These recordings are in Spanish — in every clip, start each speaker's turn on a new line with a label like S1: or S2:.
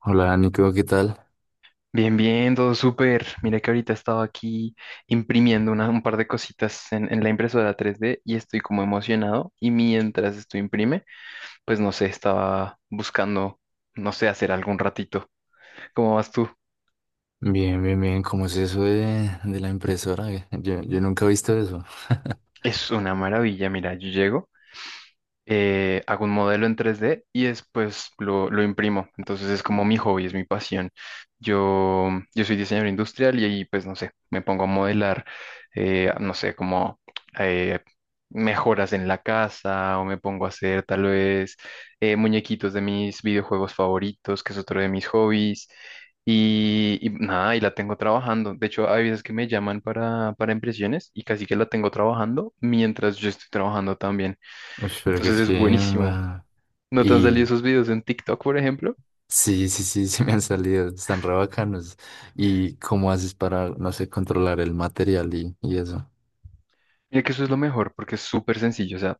S1: Hola Nico, ¿qué tal?
S2: Bien, bien, todo súper. Mira que ahorita estaba aquí imprimiendo un par de cositas en la impresora 3D y estoy como emocionado. Y mientras esto imprime, pues no sé, estaba buscando, no sé, hacer algún ratito. ¿Cómo vas tú?
S1: Bien, bien, bien. ¿Cómo es eso de la impresora? Yo nunca he visto eso.
S2: Es una maravilla, mira, yo llego. Hago un modelo en 3D y después lo imprimo. Entonces es como mi hobby, es mi pasión. Yo soy diseñador industrial y ahí, pues, no sé, me pongo a modelar, no sé, como eh, mejoras en la casa o me pongo a hacer tal vez muñequitos de mis videojuegos favoritos, que es otro de mis hobbies. Y nada, y la tengo trabajando. De hecho, hay veces que me llaman para impresiones y casi que la tengo trabajando mientras yo estoy trabajando,
S1: Uy, pero qué
S2: entonces es buenísimo.
S1: chimba.
S2: ¿No te han salido
S1: Y
S2: esos videos en TikTok, por ejemplo?
S1: sí, sí, sí, sí me han salido. Están re bacanos. ¿Y cómo haces para, no sé, controlar el material y eso?
S2: Mira que eso es lo mejor porque es súper sencillo. O sea,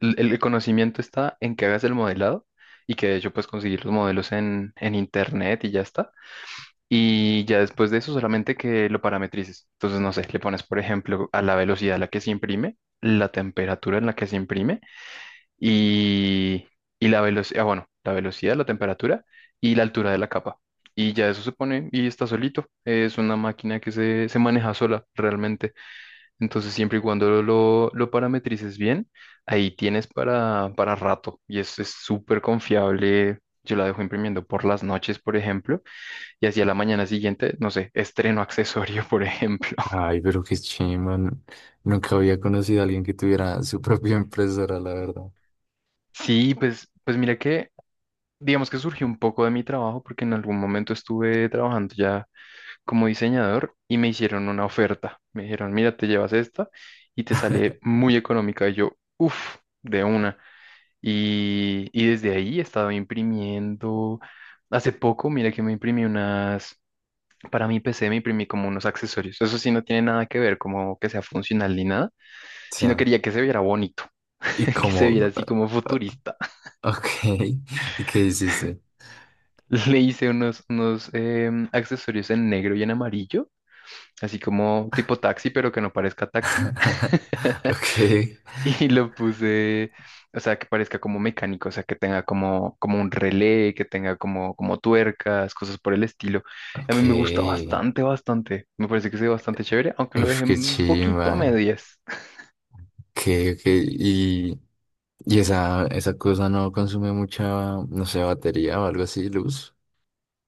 S2: el conocimiento está en que hagas el modelado y que de hecho puedes conseguir los modelos en internet y ya está. Y ya después de eso solamente que lo parametrices. Entonces, no sé, le pones, por ejemplo, a la velocidad a la que se imprime, la temperatura en la que se imprime y, y la velocidad, bueno, la velocidad, la temperatura y la altura de la capa. Y ya eso se pone y está solito. Es una máquina que se maneja sola realmente. Entonces, siempre y cuando lo parametrices bien, ahí tienes para rato. Y es súper confiable. Yo la dejo imprimiendo por las noches, por ejemplo, y hacia la mañana siguiente, no sé, estreno accesorio, por ejemplo.
S1: Ay, pero qué chimba. Nunca había conocido a alguien que tuviera su propia impresora, la verdad.
S2: Sí, pues, pues mira que, digamos que surgió un poco de mi trabajo, porque en algún momento estuve trabajando ya como diseñador y me hicieron una oferta. Me dijeron, mira, te llevas esta y te sale muy económica. Y yo, uff, de una. Y desde ahí he estado imprimiendo. Hace poco, mira que me imprimí unas, para mi PC me imprimí como unos accesorios. Eso sí no tiene nada que ver como que sea funcional ni nada,
S1: Sí.
S2: sino quería que se viera bonito,
S1: ¿Y
S2: que se viera
S1: cómo?
S2: así como
S1: Ah,
S2: futurista.
S1: ah, ok. ¿Y qué hiciste?
S2: Le hice unos, accesorios en negro y en amarillo así como tipo taxi, pero que no parezca taxi.
S1: Ok.
S2: Y lo puse, o sea, que parezca como mecánico, o sea, que tenga como, como un relé, que tenga como, como tuercas, cosas por el estilo. A
S1: Ok.
S2: mí me gusta bastante, bastante. Me parece que se ve bastante chévere, aunque lo
S1: Uf,
S2: dejé
S1: qué
S2: un poquito
S1: chimba.
S2: a medias.
S1: Que, que, y, y esa, esa cosa no consume mucha, no sé, batería o algo así, luz.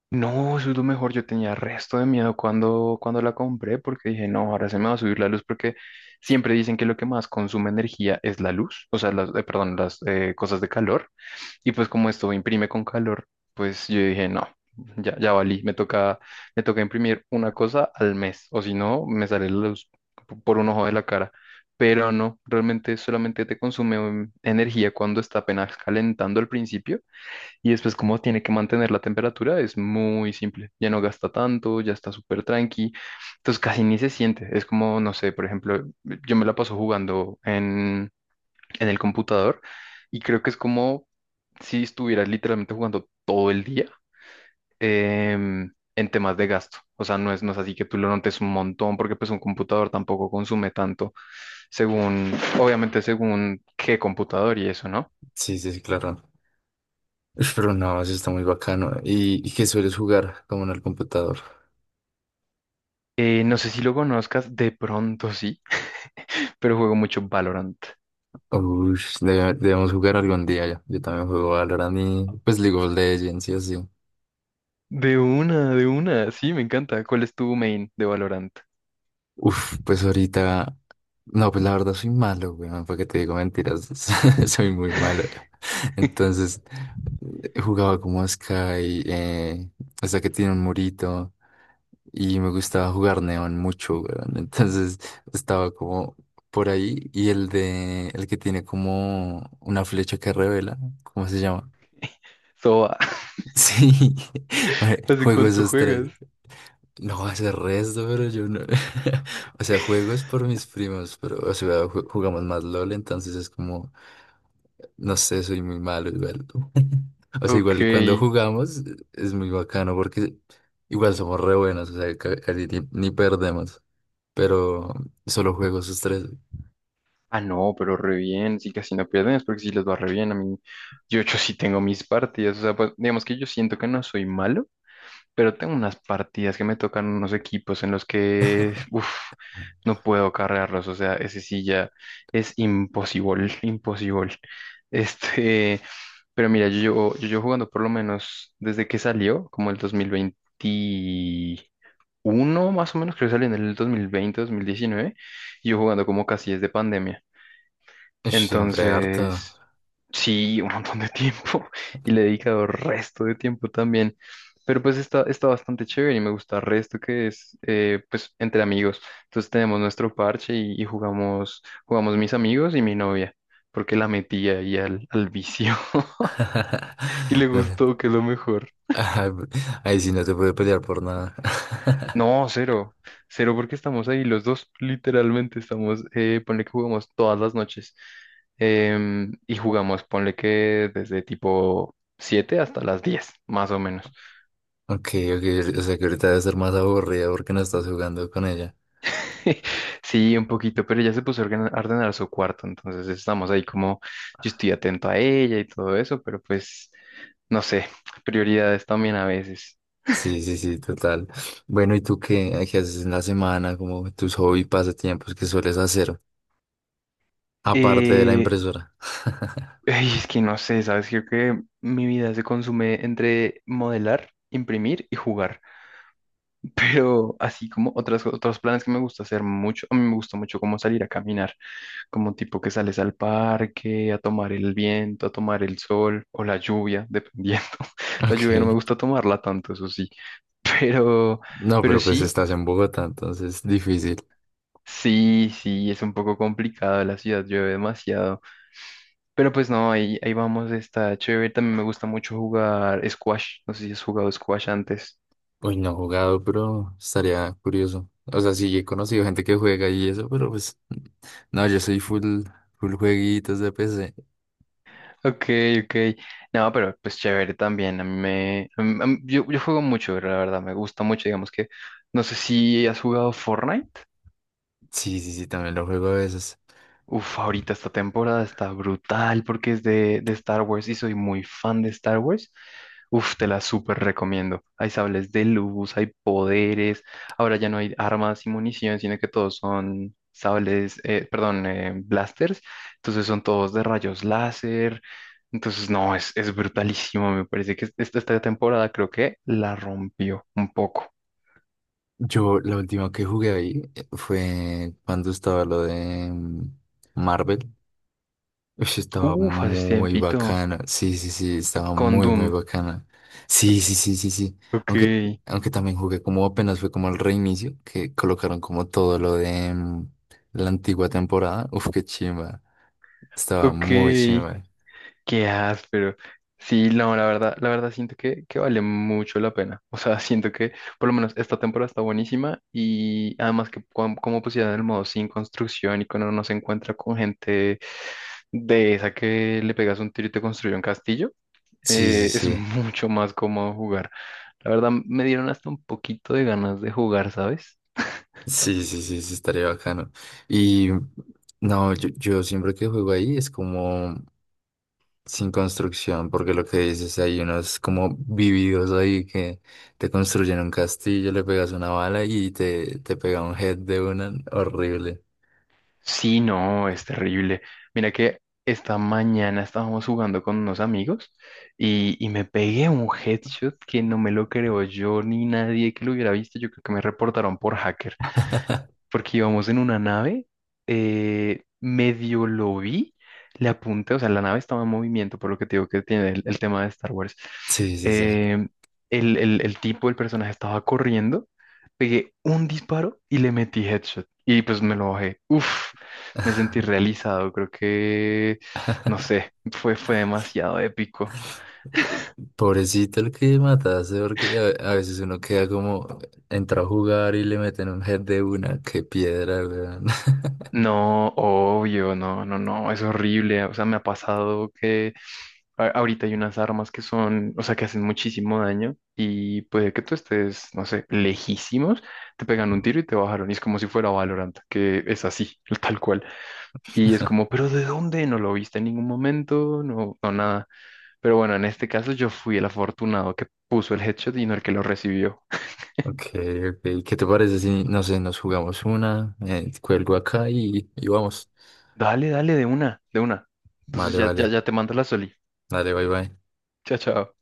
S2: No, eso es lo mejor. Yo tenía resto de miedo cuando la compré porque dije, no, ahora se me va a subir la luz porque siempre dicen que lo que más consume energía es la luz, o sea, las, perdón, las cosas de calor. Y pues como esto imprime con calor, pues yo dije, no, ya valí, me toca imprimir una cosa al mes, o si no, me sale la luz por un ojo de la cara. Pero no, realmente solamente te consume energía cuando está apenas calentando al principio y después como tiene que mantener la temperatura es muy simple, ya no gasta tanto, ya está súper tranqui, entonces casi ni se siente, es como, no sé, por ejemplo, yo me la paso jugando en el computador y creo que es como si estuvieras literalmente jugando todo el día en temas de gasto. O sea, no es, no es así que tú lo notes un montón porque pues un computador tampoco consume tanto según, obviamente según qué computador y eso, ¿no?
S1: Sí, sí, sí, claro. Uf, pero no, eso está muy bacano. Y qué sueles jugar como en el computador?
S2: No sé si lo conozcas, de pronto sí, pero juego mucho Valorant.
S1: Uy, debemos jugar algún día ya. Yo también juego Valorant y pues League of Legends y así.
S2: De una, sí, me encanta. ¿Cuál es tu main de Valorant?
S1: Uf, pues ahorita. No, pues la verdad soy malo, weón, para que te digo mentiras. Soy muy malo. Entonces, jugaba como Sky, hasta que tiene un murito. Y me gustaba jugar Neon mucho, weón. Entonces, estaba como por ahí. Y el de. El que tiene como una flecha que revela. ¿Cómo se llama?
S2: Soba,
S1: Sí,
S2: ¿hace
S1: juego
S2: cuánto
S1: esos tres.
S2: juegas?
S1: No, hace resto, pero yo no. O sea, juego es por mis primos, pero, o sea, jugamos más LOL, entonces es como, no sé, soy muy malo igual. O sea,
S2: Ok.
S1: igual cuando jugamos es muy bacano porque igual somos re buenos, o sea, casi ni perdemos, pero solo juego esos tres.
S2: Ah, no, pero re bien, sí casi no pierden, es porque sí les va re bien a mí. Yo sí tengo mis partidas, o sea, pues, digamos que yo siento que no soy malo, pero tengo unas partidas que me tocan unos equipos en los que, uff, no puedo cargarlos, o sea, ese sí ya es imposible, imposible. Este, pero mira, yo llevo jugando por lo menos desde que salió, como el 2021, más o menos, creo que salió en el 2020, 2019, y yo jugando como casi desde pandemia.
S1: Ush, siempre harto.
S2: Entonces, sí, un montón de tiempo y le he dedicado resto de tiempo también. Pero pues está, está bastante chévere y me gusta resto que es pues entre amigos. Entonces tenemos nuestro parche y jugamos, jugamos mis amigos y mi novia, porque la metía ahí al vicio y le
S1: No,
S2: gustó, que es lo mejor.
S1: ay, ahí sí no te puede pelear por nada.
S2: No, cero. Cero porque estamos ahí los dos, literalmente estamos, ponle que jugamos todas las noches. Y jugamos, ponle que desde tipo 7 hasta las 10 más o menos.
S1: Ok, ok, o sea que ahorita debe ser más aburrida porque no estás jugando con ella.
S2: Sí, un poquito, pero ella se puso a a ordenar su cuarto, entonces estamos ahí como, yo estoy atento a ella y todo eso, pero pues, no sé, prioridades también a veces.
S1: Sí, sí, sí, total. Bueno, ¿y tú qué, qué haces en la semana? Como tus hobbies, pasatiempos que sueles hacer, aparte de la
S2: Eh,
S1: impresora.
S2: Ay, es que no sé, ¿sabes? Creo que mi vida se consume entre modelar, imprimir y jugar. Pero así como otras, otros planes que me gusta hacer mucho, a mí me gusta mucho como salir a caminar, como tipo que sales al parque, a tomar el viento, a tomar el sol o la lluvia, dependiendo. La lluvia no me
S1: Ok.
S2: gusta tomarla tanto, eso sí. Pero,
S1: No,
S2: pero
S1: pero pues
S2: sí,
S1: estás en Bogotá, entonces difícil.
S2: sí, sí, es un poco complicado, la ciudad llueve demasiado. Pero pues no, ahí, ahí vamos, está chévere. También me gusta mucho jugar squash, no sé si has jugado squash antes.
S1: Uy, no he jugado, pero estaría curioso. O sea, sí, he conocido gente que juega y eso, pero pues no, yo soy full, full jueguitos de PC.
S2: Ok, ok. No, pero pues chévere también. A mí me... a mí- Yo juego mucho, la verdad. Me gusta mucho. Digamos que... No sé si has jugado Fortnite.
S1: Sí, sí, sí, también lo juego a veces.
S2: Uf, ahorita esta temporada está brutal porque es de Star Wars y soy muy fan de Star Wars. Uf, te la súper recomiendo. Hay sables de luz, hay poderes. Ahora ya no hay armas y munición, sino que todos son sables, perdón, blasters. Entonces son todos de rayos láser. Entonces, no, es brutalísimo. Me parece que esta temporada creo que la rompió un poco.
S1: Yo, la última que jugué ahí fue cuando estaba lo de Marvel. Uy, estaba
S2: Uf, hace
S1: muy
S2: tiempito.
S1: bacana. Sí, sí, sí, estaba
S2: Con
S1: muy, muy
S2: Doom.
S1: bacana. Sí, sí, sí, sí, sí.
S2: Ok,
S1: Aunque, aunque también jugué como apenas fue como el reinicio, que colocaron como todo lo de la antigua temporada. Uf, qué chimba. Estaba
S2: ok.
S1: muy chimba.
S2: Qué áspero. Sí, no, la verdad siento que vale mucho la pena. O sea, siento que por lo menos esta temporada está buenísima y además que como pusieron el modo sin construcción y cuando uno se encuentra con gente de esa que le pegas un tiro y te construye un castillo,
S1: Sí, sí,
S2: es
S1: sí.
S2: mucho más cómodo jugar. La verdad, me dieron hasta un poquito de ganas de jugar, ¿sabes?
S1: Sí, sí, sí, sí, estaría bacano. Y no, yo siempre que juego ahí es como. Sin construcción, porque lo que dices, hay unos como vividos ahí que te construyen un castillo, le pegas una bala y te pega un head de una horrible.
S2: Sí, no, es terrible. Mira que esta mañana estábamos jugando con unos amigos y me pegué un headshot que no me lo creo yo ni nadie que lo hubiera visto. Yo creo que me reportaron por hacker porque íbamos en una nave, medio lo vi, le apunté, o sea, la nave estaba en movimiento, por lo que te digo que tiene el tema de Star Wars.
S1: Sí, sí, sí.
S2: Eh, el tipo, el personaje estaba corriendo, pegué un disparo y le metí headshot. Y pues me lo bajé. Uf, me sentí realizado, creo que, no sé, fue, fue demasiado épico.
S1: Pobrecito el que mataste, porque a veces uno queda como, entra a jugar y le meten un head de una, qué piedra, weón.
S2: No, obvio, no, no, no, es horrible. O sea, me ha pasado que ahorita hay unas armas que son, o sea, que hacen muchísimo daño y puede que tú estés, no sé, lejísimos, te pegan un tiro y te bajaron. Y es como si fuera Valorant, que es así, tal cual. Y es como, ¿pero de dónde? No lo viste en ningún momento, no, no nada. Pero bueno, en este caso yo fui el afortunado que puso el headshot y no el que lo recibió.
S1: Ok, ok. ¿Qué te parece si, no sé, nos jugamos una, cuelgo acá y vamos?
S2: Dale, dale, de una, de una. Entonces
S1: Vale,
S2: ya, ya,
S1: vale.
S2: ya te mando la soli.
S1: Dale, bye, bye.
S2: Chao, chao.